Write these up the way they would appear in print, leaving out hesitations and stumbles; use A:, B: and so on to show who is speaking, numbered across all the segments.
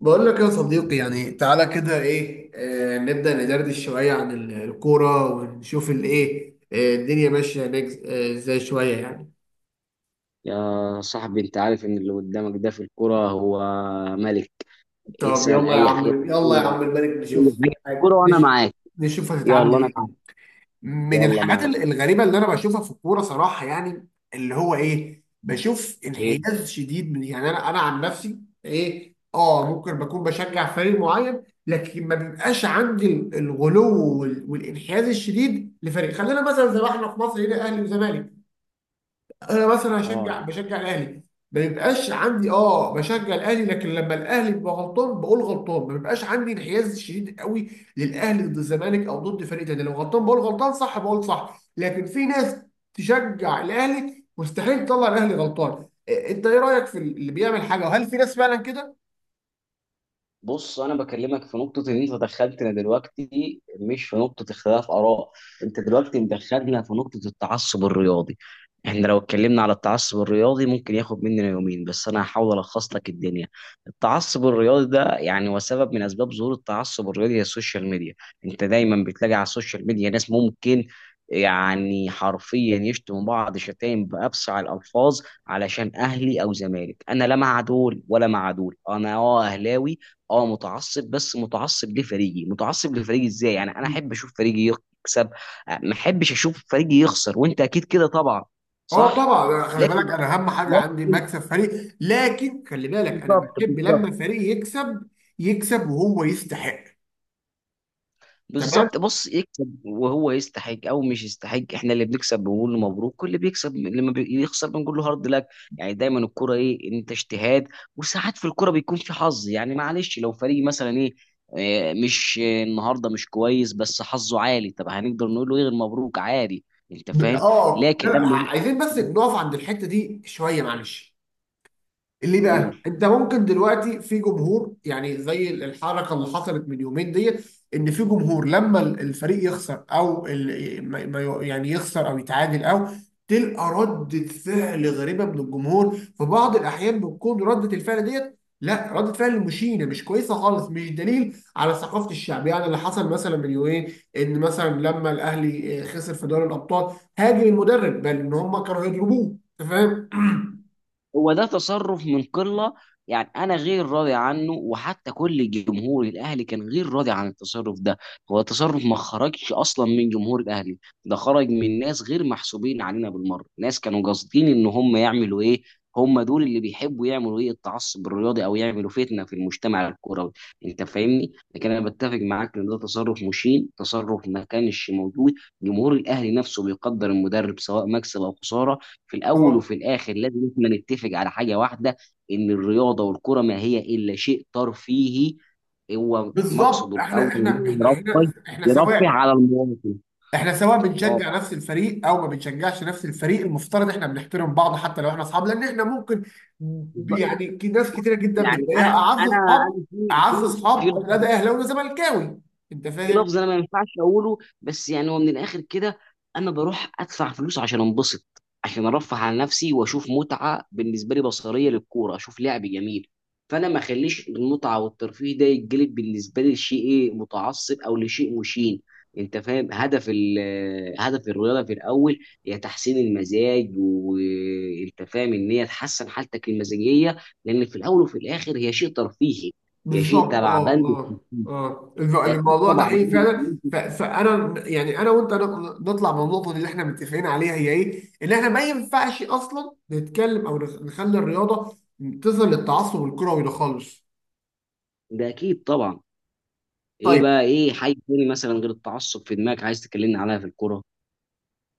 A: بقول لك يا صديقي، يعني تعالى كده ايه نبدأ ندردش شوية عن الكورة ونشوف الايه الدنيا ماشية هناك ازاي شوية يعني.
B: يا صاحبي، انت عارف ان اللي قدامك ده في الكرة هو ملك.
A: طب
B: اسأل
A: يلا يا
B: اي حاجة
A: عم
B: في
A: يلا يا
B: الكورة،
A: عم الملك
B: اي
A: نشوف.
B: حاجة في الكورة
A: هت-
B: وانا
A: نش-
B: معاك.
A: نشوف هتتعامل
B: يلا انا
A: ازاي.
B: معاك.
A: من
B: يلا
A: الحاجات
B: معاك.
A: الغريبه اللي انا بشوفها في الكوره صراحه، يعني اللي هو ايه، بشوف
B: ايه.
A: انحياز شديد من، يعني انا عن نفسي. ايه، ممكن بكون بشجع فريق معين، لكن ما بيبقاش عندي الغلو والانحياز الشديد لفريق. خلينا مثلا زي ما احنا في مصر هنا، اهلي وزمالك. انا مثلا
B: اه.
A: بشجع الاهلي، ما بيبقاش عندي، بشجع الاهلي، لكن لما الاهلي بيبقى غلطان بقول غلطان. ما بيبقاش عندي انحياز شديد قوي للاهلي ضد الزمالك او ضد فريق تاني، لو غلطان بقول غلطان، صح بقول صح. لكن في ناس تشجع الاهلي مستحيل تطلع الاهلي غلطان. إيه، انت ايه رايك في اللي بيعمل حاجه، وهل في ناس فعلا كده؟
B: بص، انا بكلمك في نقطه ان انت دخلتنا دلوقتي مش في نقطه اختلاف اراء. انت دلوقتي مدخلنا في نقطه التعصب الرياضي. احنا لو اتكلمنا على التعصب الرياضي ممكن ياخد مننا يومين، بس انا هحاول الخص لك الدنيا. التعصب الرياضي ده وسبب من اسباب ظهور التعصب الرياضي هي السوشيال ميديا. انت دايما بتلاقي على السوشيال ميديا ناس ممكن حرفيا يشتموا بعض شتايم بأبشع الألفاظ علشان أهلي أو زمالك. أنا لا مع دول ولا مع دول، أنا أه أهلاوي. اه متعصب، بس متعصب لفريقي. متعصب لفريقي ازاي؟ انا احب اشوف فريقي يكسب، ما احبش اشوف فريقي يخسر، وانت اكيد كده طبعا.
A: اه
B: صح.
A: طبعا. خلي بالك،
B: لكن،
A: انا اهم حاجه عندي
B: لكن.
A: مكسب فريق. لكن خلي بالك، انا
B: بالظبط،
A: بحب
B: بالظبط،
A: لما الفريق يكسب وهو يستحق. تمام.
B: بالظبط. بص، يكسب وهو يستحق او مش يستحق، احنا اللي بنكسب بنقول له مبروك، واللي بيكسب لما بيخسر بنقول له هارد لك. دايما الكرة ايه، انت اجتهاد. وساعات في الكرة بيكون في حظ، يعني معلش لو فريق مثلا ايه مش النهارده مش كويس بس حظه عالي، طب هنقدر نقول له ايه غير مبروك؟ عادي. انت فاهم. لكن
A: لا،
B: لما
A: عايزين بس نقف عند الحته دي شويه، معلش. ليه
B: جول.
A: بقى؟ انت ممكن دلوقتي في جمهور، يعني زي الحركه اللي حصلت من يومين ديت، ان في جمهور لما الفريق يخسر او يعني يخسر او يتعادل، او تلقى ردة فعل غريبة من الجمهور. في بعض الأحيان بتكون ردة الفعل ديت، لا، ردة فعل مشينة مش كويسة خالص، مش دليل على ثقافة الشعب. يعني اللي حصل مثلا من يومين، إن مثلا لما الأهلي خسر في دوري الأبطال هاجم المدرب، بل إن هم كانوا هيضربوه. أنت فاهم؟
B: هو ده تصرف من قله، انا غير راضي عنه، وحتى كل جمهور الاهلي كان غير راضي عن التصرف ده. هو تصرف ما خرجش اصلا من جمهور الاهلي، ده خرج من ناس غير محسوبين علينا بالمره. ناس كانوا قاصدين ان هم يعملوا ايه، هم دول اللي بيحبوا يعملوا ايه التعصب الرياضي او يعملوا فتنه في المجتمع الكروي. انت فاهمني، لكن انا بتفق معاك ان ده تصرف مشين، تصرف ما كانش موجود. جمهور الاهلي نفسه بيقدر المدرب سواء مكسب او خساره. في الاول وفي الاخر لازم احنا نتفق على حاجه واحده، ان الرياضه والكره ما هي الا شيء ترفيهي. هو
A: بالظبط.
B: مقصده
A: احنا،
B: الاول إن
A: احنا، احنا
B: هو
A: هنا
B: يرفه،
A: احنا
B: يرفه
A: سواء،
B: على المواطن.
A: احنا سواء
B: اه.
A: بنشجع نفس الفريق او ما بنشجعش نفس الفريق، المفترض احنا بنحترم بعض حتى لو احنا اصحاب، لان احنا ممكن،
B: بالظبط.
A: يعني ناس كتيره جدا
B: يعني
A: بتلاقيها
B: انا
A: اعز
B: انا
A: اصحاب،
B: انا في
A: اعز
B: في
A: اصحاب،
B: في
A: وتلاقي ده اهلاوي وزملكاوي. انت
B: في
A: فاهم؟
B: لفظ انا ما ينفعش اقوله، بس هو من الاخر كده، انا بروح ادفع فلوس عشان انبسط، عشان ارفه عن نفسي واشوف متعه بالنسبه لي بصريه للكوره، اشوف لعب جميل. فانا ما اخليش المتعه والترفيه ده يتجلب بالنسبه لي لشيء ايه متعصب او لشيء مشين. انت فاهم، هدف هدف الرياضه في الاول هي تحسين المزاج، وانت فاهم ان هي تحسن حالتك المزاجيه، لان في الاول وفي الاخر هي شيء ترفيهي. هي شيء
A: بالظبط.
B: تبع بند الترفيه.
A: اه
B: ده اكيد
A: الموضوع ده
B: طبعا.
A: حقيقي فعلا. فانا، يعني انا وانت نطلع من النقطه دي اللي احنا متفقين عليها هي ايه؟ ان احنا ما ينفعش اصلا نتكلم او نخلي الرياضه تصل للتعصب الكروي ده خالص.
B: ده اكيد طبعا. ايه
A: طيب،
B: بقى؟ ايه حاجه تاني مثلا غير التعصب في دماغك عايز تكلمني عليها في الكوره؟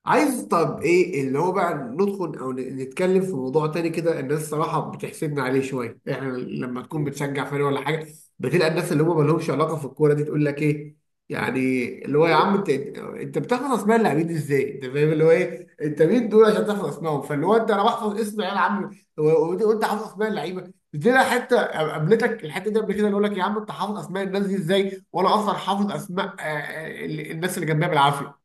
A: عايز، طب ايه اللي هو بقى، ندخل او نتكلم في موضوع تاني كده. الناس الصراحه بتحسدنا عليه شويه. احنا لما تكون بتشجع فريق ولا حاجه، بتلاقي الناس اللي هم ما لهمش علاقه في الكوره دي تقول لك ايه، يعني اللي هو يا عم انت بتحفظ اسماء اللاعبين ازاي؟ انت فاهم اللي هو ايه، انت مين دول عشان تحفظ اسمائهم؟ فاللي هو انت، انا بحفظ اسم عيال عم و- وانت وأنت حافظ اسماء اللعيبه دي؟ لا حته قابلتك الحته دي قبل كده، اللي يقول لك يا عم انت حافظ اسماء الناس دي ازاي وانا اصلا حافظ اسماء الناس اللي جنبها بالعافيه.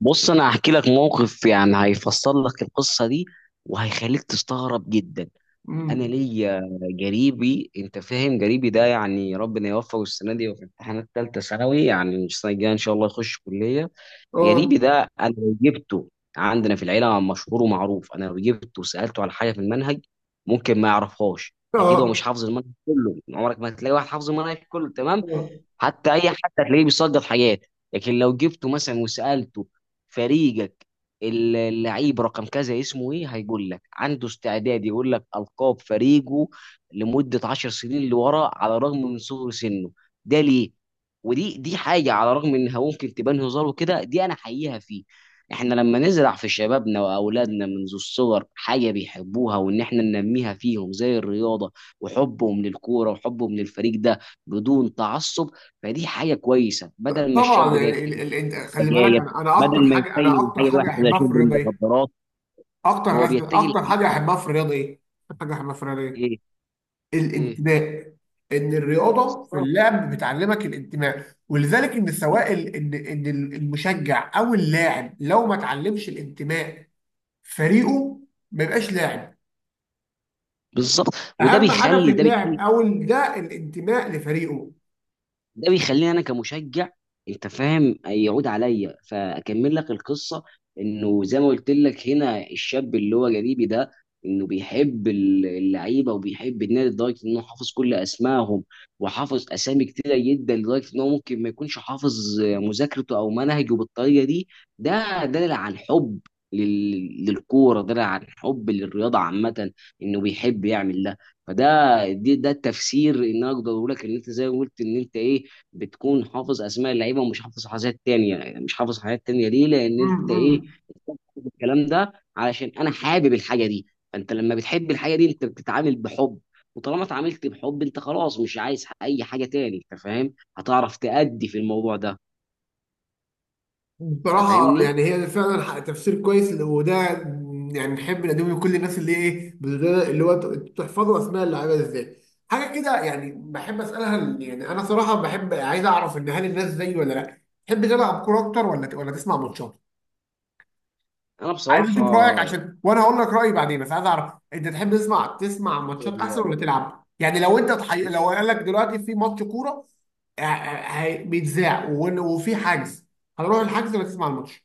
B: بص، انا هحكي لك موقف هيفصل لك القصه دي وهيخليك تستغرب جدا. انا
A: امم
B: ليا جريبي، انت فاهم، جريبي ده ربنا يوفقه، السنه دي وفي امتحانات ثالثه ثانوي، يعني السنه الجايه ان شاء الله يخش كليه. غريبي
A: اه،
B: ده انا لو جبته، عندنا في العيله مشهور ومعروف، انا لو جبته وسالته على حاجه في المنهج ممكن ما يعرفهاش، اكيد هو مش
A: اه،
B: حافظ المنهج كله، عمرك ما هتلاقي واحد حافظ المنهج كله تمام،
A: آه.
B: حتى اي حد هتلاقيه بيصدر حاجات. لكن لو جبته مثلا وسالته فريقك اللعيب رقم كذا اسمه ايه، هيقول لك. عنده استعداد يقول لك القاب فريقه لمده 10 سنين لورا، على الرغم من صغر سنه. ده ليه؟ ودي حاجه، على الرغم انها ممكن تبان هزار وكده، دي انا حقيقها فيه. احنا لما نزرع في شبابنا واولادنا منذ الصغر حاجه بيحبوها، وان احنا ننميها فيهم زي الرياضه وحبهم للكوره وحبهم للفريق ده بدون تعصب، فدي حاجه كويسه، بدل ما الشاب
A: طبعا.
B: ده
A: يعني
B: يتجه
A: انت خلي بالك،
B: للسجاير،
A: انا اكتر
B: بدل ما
A: حاجه،
B: يتجه لحاجه واحده زي
A: احبها في
B: شرب
A: الرياضه ايه؟
B: المخدرات.
A: اكتر
B: هو
A: ناس،
B: بيتجه
A: اكتر
B: لحاجه
A: حاجه احبها في الرياضه ايه؟ اكتر حاجه احبها في الرياضه ايه؟
B: ايه. ايه.
A: الانتماء. ان الرياضه في
B: بالظبط،
A: اللعب بتعلمك الانتماء، ولذلك ان سواء ال... ان ان المشجع او اللاعب لو ما اتعلمش الانتماء فريقه ما يبقاش لاعب.
B: بالظبط. وده
A: اهم حاجه في
B: بيخلي ده
A: اللاعب
B: بيخلي
A: ده الانتماء لفريقه.
B: ده بيخليني انا كمشجع، انت فاهم، يعود عليا. فاكمل لك القصه، انه زي ما قلت لك هنا الشاب اللي هو جريبي ده، انه بيحب اللعيبه وبيحب النادي لدرجه انه حافظ كل اسمائهم، وحافظ اسامي كتيره جدا لدرجه انه ممكن ما يكونش حافظ مذاكرته او منهجه بالطريقه دي. ده دليل عن حب للكوره، دليل عن حب للرياضه عامه، انه بيحب يعمل ده. فده دي ده التفسير ان أنا اقدر اقول لك ان انت زي ما قلت ان انت ايه، بتكون حافظ اسماء اللعيبه ومش حافظ حاجات تانية، مش حافظ حاجات تانية ليه؟ لان انت ايه،
A: امم.
B: الكلام ده علشان انا حابب الحاجه دي. فانت لما بتحب الحاجه دي انت بتتعامل بحب، وطالما اتعاملت بحب انت خلاص مش عايز اي حاجه تاني، انت فاهم، هتعرف تأدي في الموضوع ده. انت
A: بصراحة،
B: فاهمني.
A: يعني هي فعلا تفسير كويس، وده يعني نحب نقدمه لكل الناس اللي، ايه، تحفظوا اسماء اللعيبة ازاي. حاجة كده يعني بحب اسألها، يعني انا صراحة بحب عايز اعرف، ان هل الناس زيي ولا لا تحب تلعب كورة اكتر ولا ولا تسمع ماتشات؟
B: انا
A: عايز
B: بصراحه،
A: اشوف رأيك،
B: يعني
A: عشان وانا هقول لك رأيي بعدين، بس عايز اعرف انت تحب تسمع ماتشات احسن ولا تلعب؟ يعني لو انت
B: بص
A: لو قال لك دلوقتي في ماتش كورة بيتذاع وفي حجز، هنروح الحجز ولا تسمع الماتش؟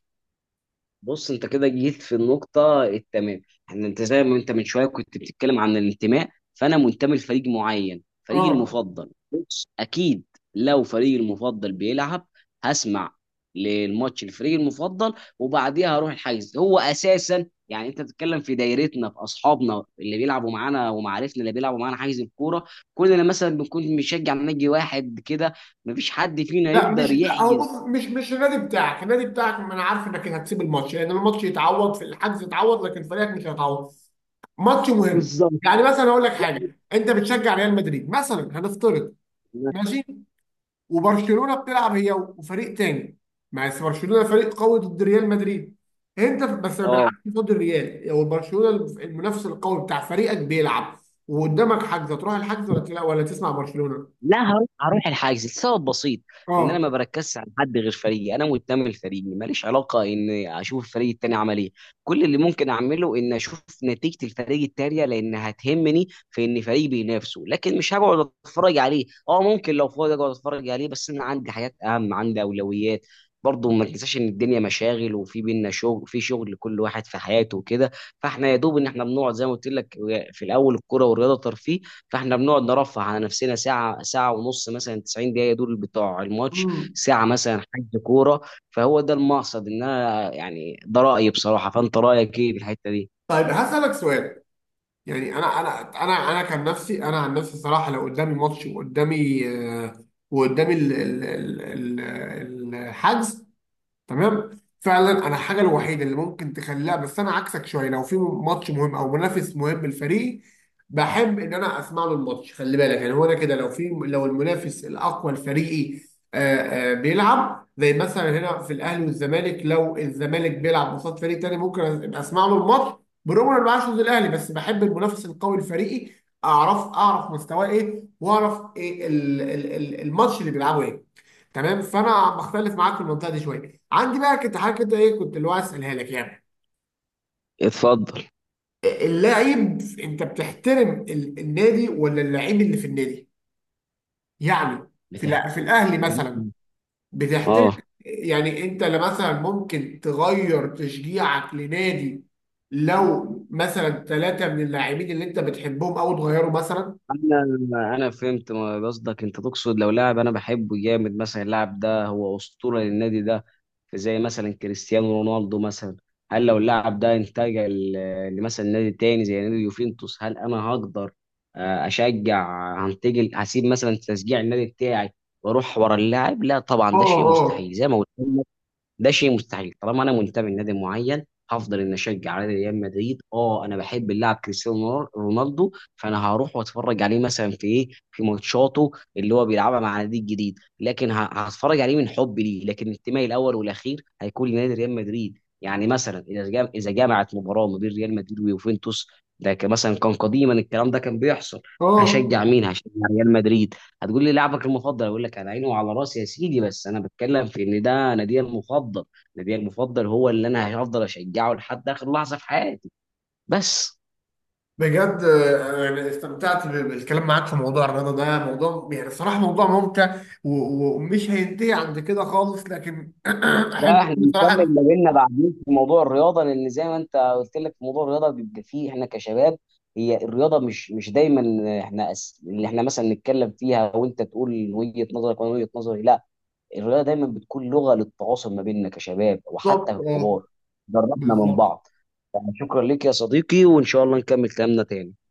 B: بص، انت كده جيت في النقطة التمام. انت زي ما انت من شوية كنت بتتكلم عن الانتماء، فانا منتمي لفريق معين، فريقي
A: اه
B: المفضل، بص اكيد لو فريقي المفضل بيلعب هسمع للماتش الفريق المفضل، وبعديها هروح الحجز. هو اساسا انت بتتكلم في دايرتنا، في اصحابنا اللي بيلعبوا معانا ومعارفنا اللي بيلعبوا معانا حجز الكوره، كلنا مثلا بنكون بنشجع نادي واحد كده، مفيش حد فينا
A: لا
B: يقدر
A: مش لا هو،
B: يحجز.
A: بص، مش النادي بتاعك. ما انا عارف انك هتسيب الماتش، لان الماتش يتعوض في الحجز يتعوض، لكن فريقك مش هيتعوض. ماتش مهم.
B: بالظبط.
A: يعني مثلا اقول لك
B: لا.
A: حاجه، انت بتشجع ريال مدريد مثلا هنفترض، ماشي؟ وبرشلونه بتلعب هي وفريق تاني، ما بس برشلونه فريق قوي ضد ريال مدريد، انت، بس ما
B: اه.
A: بيلعبش ضد الريال او برشلونه، المنافس القوي بتاع فريقك بيلعب، وقدامك حجز، هتروح الحجز ولا ولا تسمع برشلونه؟
B: لا، هروح، هروح الحاجز لسبب بسيط، ان انا ما
A: اه.
B: بركزش على حد غير فريقي، انا منتمي لفريقي، ماليش علاقه ان اشوف الفريق التاني عمل ايه. كل اللي ممكن اعمله ان اشوف نتيجه الفريق التانيه، لان هتهمني في ان فريقي بينافسه، لكن مش هقعد اتفرج عليه. اه ممكن لو فاضي اقعد اتفرج عليه، بس انا عندي حاجات اهم، عندي اولويات. برضه ما تنساش ان الدنيا مشاغل، وفي بينا شغل، في شغل لكل واحد في حياته وكده. فاحنا يا دوب ان احنا بنقعد زي ما قلت لك، في الاول الكوره والرياضه ترفيه، فاحنا بنقعد نرفه على نفسنا ساعه، ساعه ونص، مثلا 90 دقيقه دول بتوع الماتش،
A: مم.
B: ساعه مثلا حجز كوره. فهو ده المقصد. ان انا ده رايي بصراحه، فانت رايك ايه في الحته دي؟
A: طيب هسألك سؤال. يعني انا كان نفسي، انا عن نفسي صراحه، لو قدامي ماتش وقدامي وقدامي الحجز، تمام؟ فعلا، انا الحاجه الوحيده اللي ممكن تخليها، بس انا عكسك شويه، لو في ماتش مهم او منافس مهم للفريق بحب ان انا اسمع له الماتش. خلي بالك، يعني هو انا كده لو في، لو المنافس الاقوى لفريقي بيلعب، زي مثلا هنا في الاهلي والزمالك، لو الزمالك بيلعب قصاد فريق تاني ممكن أبقى اسمع له الماتش، برغم ان انا بعشق زي الاهلي، بس بحب المنافس القوي لفريقي اعرف مستواه ايه، واعرف ايه الماتش اللي بيلعبه ايه. تمام؟ فانا بختلف معاك في المنطقه دي شويه. عندي بقى، كنت حاجه كده، ايه، كنت اللي هو عايز اسالها لك، يعني
B: اتفضل.
A: اللاعب، انت بتحترم النادي ولا اللاعب اللي في النادي؟ يعني في في
B: بتحكي.
A: الاهلي مثلا، بتحترم
B: اه
A: يعني انت، لا مثلا ممكن تغير تشجيعك لنادي لو مثلا 3 من اللاعبين اللي انت بتحبهم او تغيروا مثلا؟
B: انا فهمت ما قصدك، انت تقصد لو لاعب انا بحبه جامد مثلا، اللاعب ده هو اسطوره للنادي ده، زي مثلا كريستيانو رونالدو مثلا، هل لو اللاعب ده انتقل لمثلا نادي تاني زي نادي يوفنتوس، هل انا هقدر اشجع، هنتقل، هسيب مثلا تشجيع النادي بتاعي واروح ورا اللاعب؟ لا طبعا،
A: اه،
B: ده شيء
A: اه،
B: مستحيل، زي ما قلت ده شيء مستحيل. طالما انا منتمي لنادي معين هفضل ان اشجع على ريال مدريد. اه انا بحب اللاعب كريستيانو رونالدو، فانا هروح واتفرج عليه مثلا في ايه، في ماتشاته اللي هو بيلعبها مع نادي جديد، لكن هتفرج عليه من حب ليه، لكن انتمائي الاول والاخير هيكون لنادي ريال مدريد. مثلا اذا اذا جمعت مباراه ما بين ريال مدريد ويوفنتوس، ده كان مثلا كان قديما الكلام ده كان بيحصل،
A: اه.
B: هشجع مين؟ هشجع ريال مدريد. هتقول لي لاعبك المفضل، اقول لك على عيني وعلى راسي يا سيدي، بس انا بتكلم في ان ده نادي المفضل، نادي المفضل هو اللي انا هفضل اشجعه لحد اخر لحظه في حياتي. بس.
A: بجد. يعني استمتعت بالكلام معاك في موضوع الرياضة، ده موضوع، يعني الصراحة، موضوع ممتع، ومش هينتهي عند كده خالص، لكن أحب
B: بقى احنا بنكمل
A: بصراحة.
B: ما بيننا بعدين في موضوع الرياضه، لان زي ما انت قلت لك في موضوع الرياضه بيبقى فيه احنا كشباب، هي الرياضه مش مش دايما احنا اللي احنا مثلا نتكلم فيها وانت تقول وجهه نظرك وانا وجهه نظري، لا، الرياضه دايما بتكون لغه للتواصل ما بيننا كشباب وحتى
A: بالظبط.
B: ككبار، قربنا من
A: بالظبط.
B: بعض. يعني شكرا لك يا صديقي، وإن شاء الله نكمل كلامنا تاني.